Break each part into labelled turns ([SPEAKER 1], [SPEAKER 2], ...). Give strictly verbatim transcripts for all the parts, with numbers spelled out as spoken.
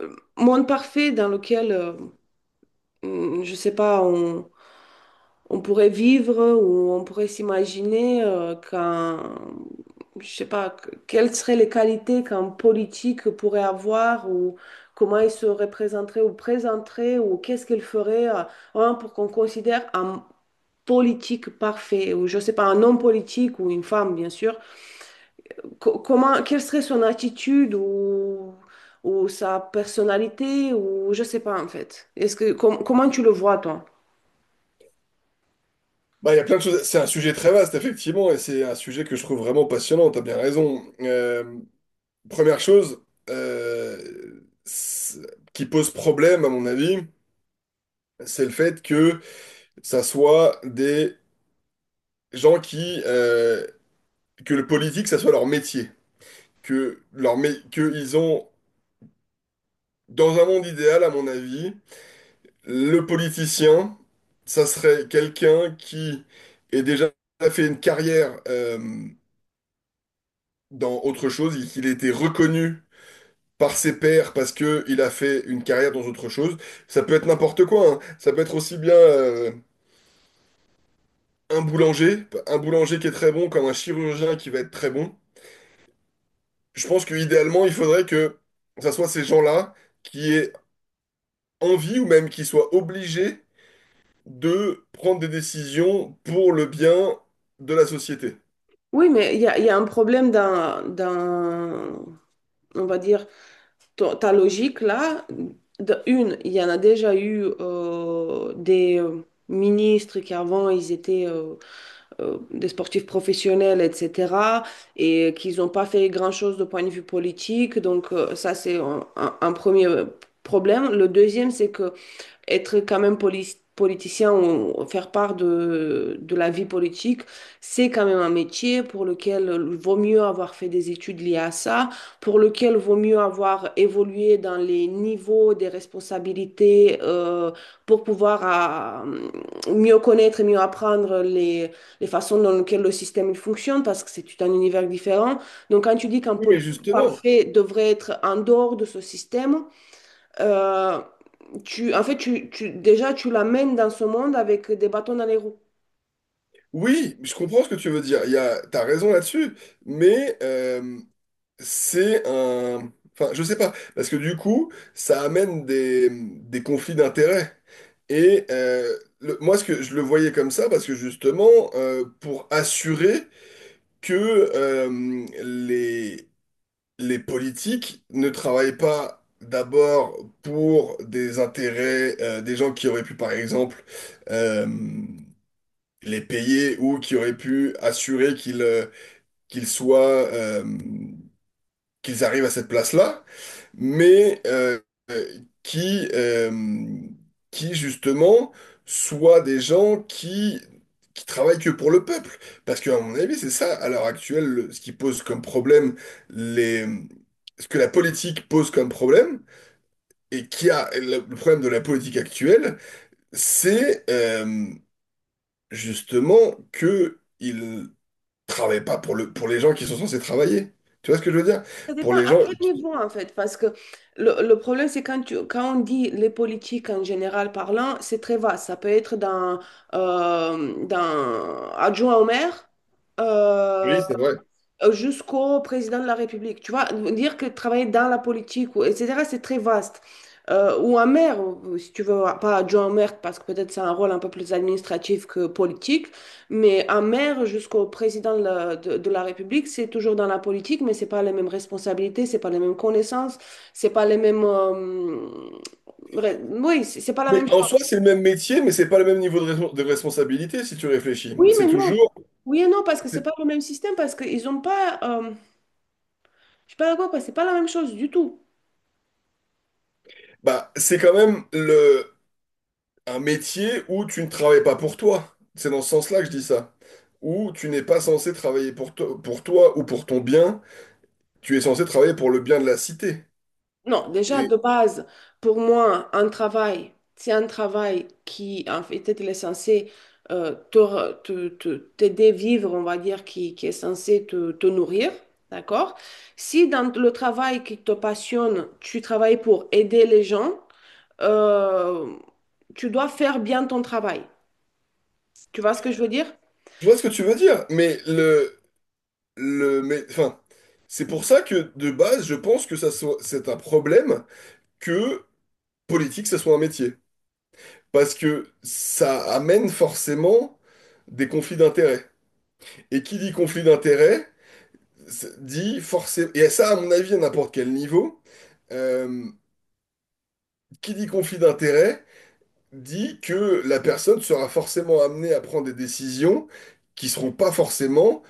[SPEAKER 1] Euh, monde parfait dans lequel, euh, mm, je sais pas, on, on pourrait vivre ou on pourrait s'imaginer euh, qu'un, je sais pas, que- quelles seraient les qualités qu'un politique pourrait avoir ou comment il se représenterait ou présenterait ou qu'est-ce qu'il ferait euh, vraiment pour qu'on considère un politique parfait ou je sais pas, un homme politique ou une femme, bien sûr, co- comment, quelle serait son attitude ou, ou sa personnalité ou je sais pas en fait. Est-ce que, com- comment tu le vois, toi?
[SPEAKER 2] Bah, il y a plein de choses. C'est un sujet très vaste, effectivement, et c'est un sujet que je trouve vraiment passionnant. T'as bien raison. Euh, première chose euh, c'est- qui pose problème, à mon avis, c'est le fait que ça soit des gens qui, euh, que le politique, ça soit leur métier, que leur mé- que ils ont dans un monde idéal, à mon avis, le politicien, ça serait quelqu'un qui est déjà fait une carrière. Euh, dans autre chose, il qu'il a été reconnu par ses pairs parce que il a fait une carrière dans autre chose. Ça peut être n'importe quoi, hein. Ça peut être aussi bien euh, un boulanger, un boulanger qui est très bon, comme un chirurgien qui va être très bon. Je pense que idéalement, il faudrait que ça soit ces gens-là qui aient envie ou même qui soient obligés de prendre des décisions pour le bien de la société.
[SPEAKER 1] Oui, mais il y a, il y a un problème dans, dans, on va dire, ta ta logique là. De une, il y en a déjà eu euh, des euh, ministres qui avant, ils étaient euh, euh, des sportifs professionnels, et cetera, et qu'ils n'ont pas fait grand-chose de point de vue politique. Donc euh, ça, c'est un, un- un premier problème. Le deuxième, c'est que être quand même poli- politicien ou faire part de, de la vie politique, c'est quand même un métier pour lequel il vaut mieux avoir fait des études liées à ça, pour lequel il vaut mieux avoir évolué dans les niveaux des responsabilités euh, pour pouvoir à, mieux connaître et mieux apprendre les, les façons dans lesquelles le système il fonctionne, parce que c'est tout un univers différent. Donc quand tu dis qu'un
[SPEAKER 2] Oui, mais
[SPEAKER 1] politique
[SPEAKER 2] justement.
[SPEAKER 1] parfait devrait être en dehors de ce système, euh, tu, en fait, tu, tu, déjà, tu l'amènes dans ce monde avec des bâtons dans les roues.
[SPEAKER 2] Oui, je comprends ce que tu veux dire. Il y a, t'as raison là-dessus, mais euh, c'est un... Enfin, je sais pas, parce que du coup, ça amène des, des conflits d'intérêts. Et euh, le- moi, ce que je le voyais comme ça, parce que justement, euh, pour assurer que euh, les, les politiques ne travaillent pas d'abord pour des intérêts euh, des gens qui auraient pu, par exemple, euh, les payer ou qui auraient pu assurer qu'ils euh, qu'ils soient, euh, qu'ils arrivent à cette place-là mais euh, qui, euh, qui justement soient des gens qui, qui travaillent que pour le peuple. Parce qu'à mon avis, c'est ça, à l'heure actuelle, le- ce qui pose comme problème les... ce que la politique pose comme problème, et qui a le le problème de la politique actuelle, c'est euh, justement que ils travaillent pas pour le, pour les gens qui sont censés travailler. Tu vois ce que je veux dire?
[SPEAKER 1] Ça
[SPEAKER 2] Pour
[SPEAKER 1] dépend
[SPEAKER 2] les
[SPEAKER 1] à
[SPEAKER 2] gens
[SPEAKER 1] quel
[SPEAKER 2] qui...
[SPEAKER 1] niveau, en fait, parce que le, le problème, c'est quand, tu, quand on dit les politiques en général parlant, c'est très vaste. Ça peut être d'un euh, d'un adjoint au maire, euh,
[SPEAKER 2] Oui, c'est vrai.
[SPEAKER 1] euh, jusqu'au président de la République. Tu vois, dire que travailler dans la politique, ou, et cetera, c'est très vaste. Euh, ou un maire, ou- si tu veux, pas adjoint au maire, parce que peut-être c'est un rôle un peu plus administratif que politique, mais un maire jusqu'au président de la, de- de la République, c'est toujours dans la politique, mais c'est pas les mêmes responsabilités, c'est pas les mêmes connaissances, c'est pas les mêmes... euh, re- oui, c'est c'est pas la
[SPEAKER 2] Mais
[SPEAKER 1] même
[SPEAKER 2] en
[SPEAKER 1] chose.
[SPEAKER 2] soi, c'est le même métier, mais c'est pas le même niveau de, respons- de responsabilité si tu réfléchis.
[SPEAKER 1] Oui,
[SPEAKER 2] C'est
[SPEAKER 1] mais non.
[SPEAKER 2] toujours,
[SPEAKER 1] Oui et non, parce que c'est
[SPEAKER 2] c'est-
[SPEAKER 1] pas le même système, parce qu'ils ont pas... euh, je sais pas quoi, quoi, c'est pas la même chose du tout.
[SPEAKER 2] bah, c'est quand même le, un métier où tu ne travailles pas pour toi. C'est dans ce sens-là que je dis ça. Où tu n'es pas censé travailler pour, to- pour toi ou pour ton bien. Tu es censé travailler pour le bien de la cité.
[SPEAKER 1] Non, déjà de
[SPEAKER 2] Et
[SPEAKER 1] base, pour moi, un travail, c'est un travail qui, en fait, il est censé euh, te re- te- te- t'aider à vivre, on va dire, qui, qui est censé te, te nourrir, d'accord? Si dans le travail qui te passionne, tu travailles pour aider les gens, euh, tu dois faire bien ton travail. Tu vois ce que je veux dire?
[SPEAKER 2] je vois ce que tu veux dire, mais le, le, mais, enfin, c'est pour ça que de base, je pense que ça soit, c'est un problème que politique, ça soit un métier. Parce que ça amène forcément des conflits d'intérêts. Et qui dit conflit d'intérêts, c'est- dit forcément... Et ça, à mon avis, à n'importe quel niveau, euh, qui dit conflit d'intérêts, dit que la personne sera forcément amenée à prendre des décisions qui seront pas forcément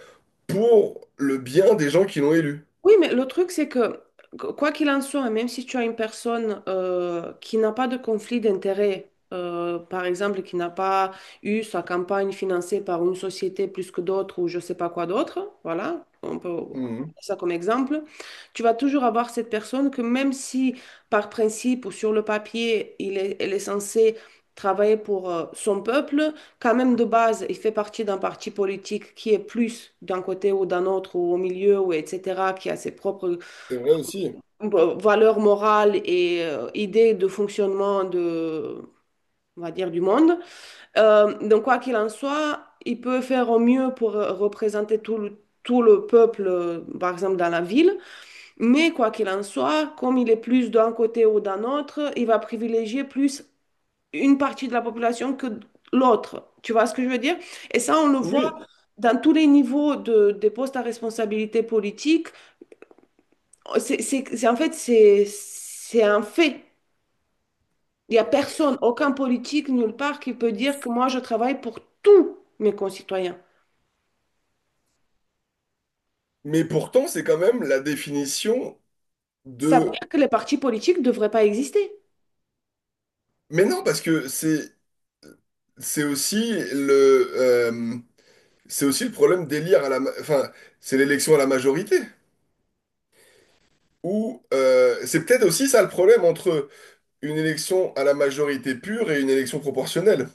[SPEAKER 2] pour le bien des gens qui l'ont élu.
[SPEAKER 1] Oui, mais le truc, c'est que, qu- quoi qu'il en soit, même si tu as une personne euh, qui n'a pas de conflit d'intérêt, euh, par exemple, qui n'a pas eu sa campagne financée par une société plus que d'autres ou je sais pas quoi d'autre, voilà, on peut prendre
[SPEAKER 2] Mhm.
[SPEAKER 1] ça comme exemple, tu vas toujours avoir cette personne que même si par principe ou sur le papier, il est, elle est censée travailler pour euh, son peuple, quand même de base, il fait partie d'un parti politique qui est plus d'un côté ou d'un autre ou au milieu ou et cetera, qui a ses propres
[SPEAKER 2] C'est vrai aussi.
[SPEAKER 1] euh, valeurs morales et euh, idées de fonctionnement de, on va dire, du monde. Euh, donc quoi qu'il en soit, il peut faire au mieux pour euh, représenter tout le tout le peuple, euh, par exemple, dans la ville. Mais quoi qu'il en soit, comme il est plus d'un côté ou d'un autre, il va privilégier plus une partie de la population que l'autre. Tu vois ce que je veux dire? Et ça, on le voit
[SPEAKER 2] Oui.
[SPEAKER 1] dans tous les niveaux de, des postes à responsabilité politique. C'est, c'est- c'est- en fait, c'est, c'est un fait. Il n'y a personne, aucun politique, nulle part, qui peut dire que moi, je travaille pour tous mes concitoyens.
[SPEAKER 2] Mais pourtant, c'est quand même la définition
[SPEAKER 1] Ça veut
[SPEAKER 2] de...
[SPEAKER 1] dire que les partis politiques ne devraient pas exister.
[SPEAKER 2] Mais non, parce que c'est c'est aussi le... euh, c'est aussi le problème d'élire à la... ma- Enfin, c'est l'élection à la majorité. Ou euh, c'est peut-être aussi ça le problème entre une élection à la majorité pure et une élection proportionnelle.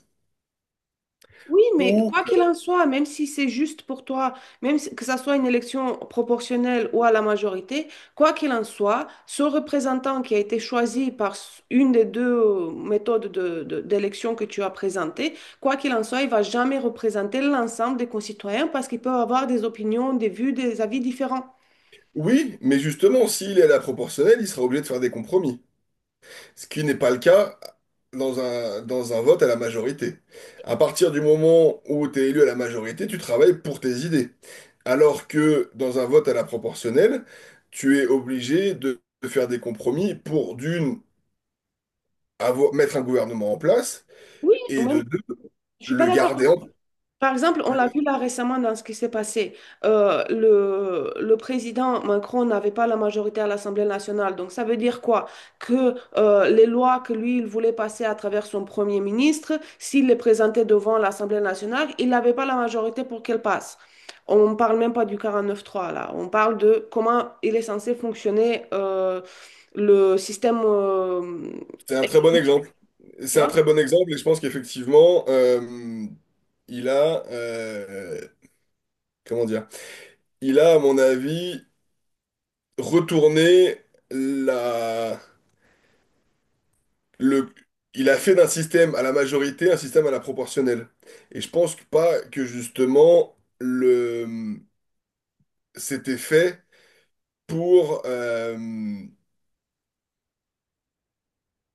[SPEAKER 1] Oui, mais
[SPEAKER 2] Ou
[SPEAKER 1] quoi qu'il en soit, même si c'est juste pour toi, même si- que ça soit une élection proportionnelle ou à la majorité, quoi qu'il en soit, ce représentant qui a été choisi par s- une des deux euh, méthodes de- de- d'élection que tu as présentées, quoi qu'il en soit, il va jamais représenter l'ensemble des concitoyens parce qu'ils peuvent avoir des opinions, des vues, des avis différents.
[SPEAKER 2] oui, mais justement, s'il est à la proportionnelle, il sera obligé de faire des compromis. Ce qui n'est pas le cas dans un, dans un vote à la majorité. À partir du moment où tu es élu à la majorité, tu travailles pour tes idées. Alors que dans un vote à la proportionnelle, tu es obligé de de faire des compromis pour d'une avoir- mettre un gouvernement en place,
[SPEAKER 1] Oui,
[SPEAKER 2] et
[SPEAKER 1] moi,
[SPEAKER 2] de deux,
[SPEAKER 1] je suis pas
[SPEAKER 2] le
[SPEAKER 1] d'accord.
[SPEAKER 2] garder en...
[SPEAKER 1] Par exemple, on l'a vu
[SPEAKER 2] le-
[SPEAKER 1] là récemment dans ce qui s'est passé. Euh, le, le président Macron n'avait pas la majorité à l'Assemblée nationale. Donc ça veut dire quoi? Que euh, les lois que lui, il voulait passer à travers son premier ministre, s'il les présentait devant l'Assemblée nationale, il n'avait pas la majorité pour qu'elles passent. On ne parle même pas du quarante-neuf trois là. On parle de comment il est censé fonctionner euh, le système. euh,
[SPEAKER 2] C'est un très bon exemple. C'est un très bon exemple, et je pense qu'effectivement, euh, il a... euh, comment dire? Il a, à mon avis, retourné la... le... Il a fait d'un système à la majorité un système à la proportionnelle. Et je pense que pas que justement, le... c'était fait pour... euh,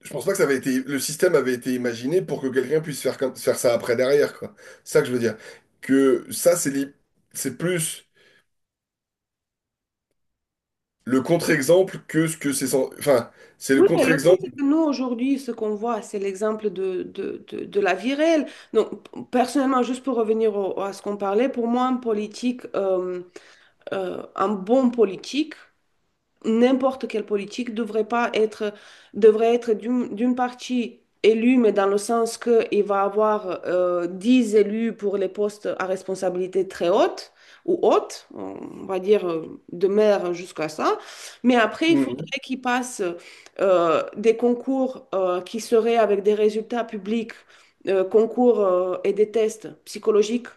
[SPEAKER 2] je pense pas que ça avait été, le système avait été imaginé pour que quelqu'un puisse faire comme, faire ça après derrière, quoi. C'est ça que je veux dire. Que ça, c'est li- c'est plus le contre-exemple que ce que c'est, sans- enfin, c'est le
[SPEAKER 1] Oui, mais le truc, c'est
[SPEAKER 2] contre-exemple.
[SPEAKER 1] que nous, aujourd'hui, ce qu'on voit, c'est l'exemple de, de, de, de la vie réelle. Donc, p- personnellement, juste pour revenir au- à ce qu'on parlait, pour moi, un politique, euh, euh, un bon politique, n'importe quelle politique devrait pas être, devrait être d'une d'une partie élue, mais dans le sens qu'il va avoir euh, dix élus pour les postes à responsabilité très haute ou haute, on va dire euh, de maire jusqu'à ça. Mais après, il
[SPEAKER 2] Mhm.
[SPEAKER 1] faudrait qu'ils passent euh, des concours euh, qui seraient avec des résultats publics, euh, concours euh, et des tests psychologiques,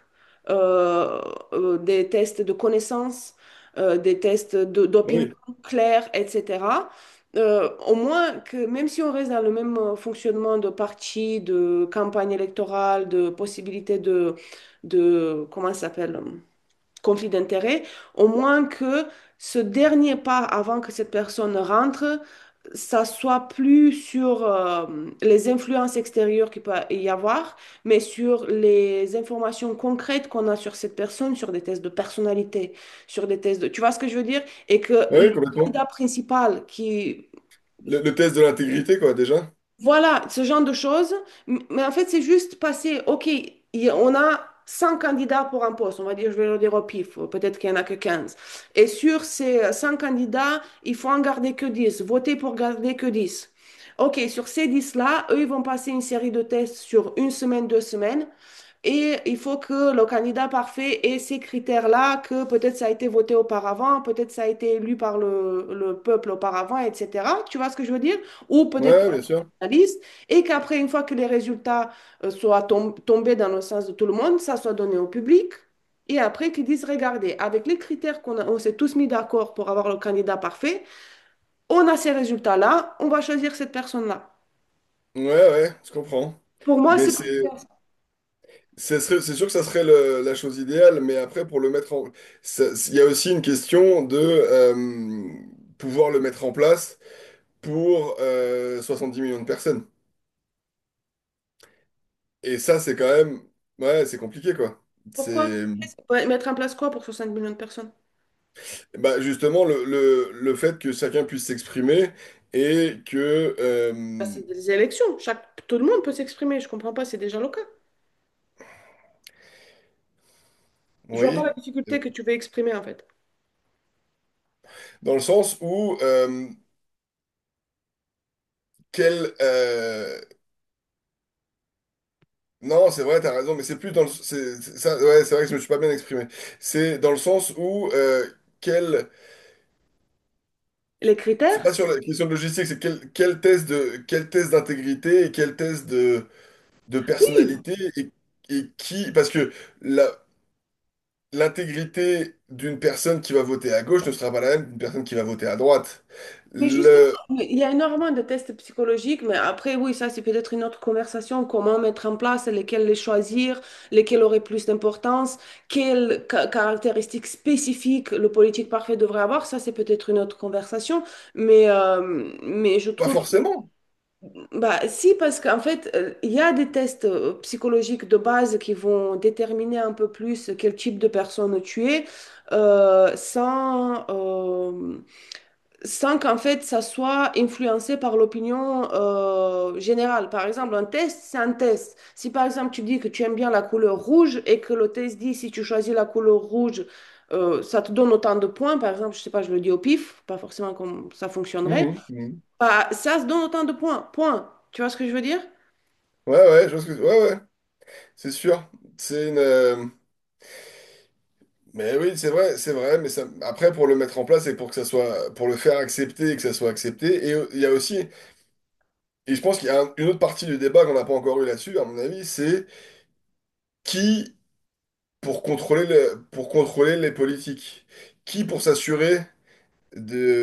[SPEAKER 1] euh, euh, des tests de connaissances, euh, des tests de- d'opinion
[SPEAKER 2] Oui,
[SPEAKER 1] clair, et cetera. Euh, au moins que même si on reste dans le même euh, fonctionnement de parti, de campagne électorale, de possibilité de, de comment ça s'appelle? Conflit d'intérêts, au moins que ce dernier pas avant que cette personne rentre, ça soit plus sur euh, les influences extérieures qu'il peut y avoir, mais sur les informations concrètes qu'on a sur cette personne, sur des tests de personnalité, sur des tests de... Tu vois ce que je veux dire? Et que le
[SPEAKER 2] oui, complètement.
[SPEAKER 1] candidat principal qui
[SPEAKER 2] Le, le test de l'intégrité, quoi, déjà.
[SPEAKER 1] voilà, ce genre de choses. M- Mais en fait, c'est juste passer, OK, il y a- on a cent candidats pour un poste, on va dire, je vais le dire au pif, peut-être qu'il n'y en a que quinze. Et sur ces cent candidats, il faut en garder que dix, voter pour garder que dix. OK, sur ces dix là eux, ils vont passer une série de tests sur une semaine, deux semaines, et il faut que le candidat parfait ait ces critères-là, que peut-être ça a été voté auparavant, peut-être ça a été élu par le, le peuple auparavant, et cetera. Tu vois ce que je veux dire? Ou peut-être
[SPEAKER 2] Ouais, bien sûr.
[SPEAKER 1] liste et qu'après, une fois que les résultats euh, soient tom- tombés dans le sens de tout le monde, ça soit donné au public. Et après, qu'ils disent, regardez, avec les critères qu'on a- on s'est tous mis d'accord pour avoir le candidat parfait, on a ces résultats-là, on va choisir cette personne-là.
[SPEAKER 2] Ouais, ouais, je comprends.
[SPEAKER 1] Pour moi,
[SPEAKER 2] Mais
[SPEAKER 1] c'est plus-
[SPEAKER 2] c'est, c'est serait- c'est sûr que ça serait le- la chose idéale, mais après, pour le mettre en, ça- il y a aussi une question de euh, pouvoir le mettre en place. Pour euh, dix millions de personnes. Et ça, c'est quand même... Ouais, c'est compliqué, quoi. C'est...
[SPEAKER 1] pourquoi? Ouais, mettre en place quoi pour soixante millions de personnes?
[SPEAKER 2] Bah, justement, le, le, le fait que chacun puisse s'exprimer et que... euh,
[SPEAKER 1] Bah,
[SPEAKER 2] vous
[SPEAKER 1] c'est des élections. Chaque... Tout le monde peut s'exprimer. Je comprends pas, c'est déjà le cas. Je vois
[SPEAKER 2] voyez?
[SPEAKER 1] pas la difficulté que tu veux exprimer en fait.
[SPEAKER 2] Dans le sens où... euh, quel... euh, non, c'est vrai, t'as raison, mais c'est plus dans le... C'est, c'est- ça, ouais, c'est vrai que je me suis pas bien exprimé. C'est dans le sens où... euh, quel...
[SPEAKER 1] Les
[SPEAKER 2] C'est
[SPEAKER 1] critères?
[SPEAKER 2] pas sur la question de logistique, c'est quel, quel test de, quel test d'intégrité et quel test de... de
[SPEAKER 1] Oui,
[SPEAKER 2] personnalité et, et qui... Parce que la- l'intégrité d'une personne qui va voter à gauche ne sera pas la même qu'une personne qui va voter à droite.
[SPEAKER 1] mais justement,
[SPEAKER 2] Le...
[SPEAKER 1] il y a énormément de tests psychologiques, mais après, oui, ça, c'est peut-être une autre conversation. Comment mettre en place, lesquels les choisir, lesquels auraient plus d'importance, quelles ca- caractéristiques spécifiques le politique parfait devrait avoir, ça, c'est peut-être une autre conversation. Mais, euh, mais je
[SPEAKER 2] Pas
[SPEAKER 1] trouve,
[SPEAKER 2] forcément.
[SPEAKER 1] bah, si, parce qu'en fait, euh, il y a des tests euh, psychologiques de base qui vont déterminer un peu plus quel type de personne tu es, euh, sans. euh, sans qu'en fait ça soit influencé par l'opinion euh, générale. Par exemple, un test, c'est un test. Si par exemple tu dis que tu aimes bien la couleur rouge et que le test dit si tu choisis la couleur rouge, euh, ça te donne autant de points, par exemple, je sais pas, je le dis au pif, pas forcément comme ça fonctionnerait,
[SPEAKER 2] Mhm, mhm.
[SPEAKER 1] bah, ça se donne autant de points, point. Tu vois ce que je veux dire?
[SPEAKER 2] Ouais, ouais, je pense que... Ouais, ouais, c'est sûr. C'est une... euh, mais oui, c'est vrai, c'est vrai, mais ça... après, pour le mettre en place et pour que ça soit... pour le faire accepter et que ça soit accepté, et euh, il y a aussi... Et je pense qu'il y a un- une autre partie du débat qu'on n'a pas encore eu là-dessus, à mon avis, c'est qui pour contrôler le, pour contrôler les politiques. Qui pour s'assurer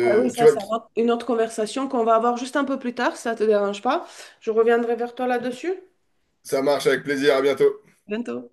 [SPEAKER 1] Ah oui,
[SPEAKER 2] Tu
[SPEAKER 1] ça,
[SPEAKER 2] vois,
[SPEAKER 1] c'est un autre- une autre conversation qu'on va avoir juste un peu plus tard, si ça te dérange pas. Je reviendrai vers toi là-dessus.
[SPEAKER 2] ça marche avec plaisir, à bientôt.
[SPEAKER 1] Bientôt.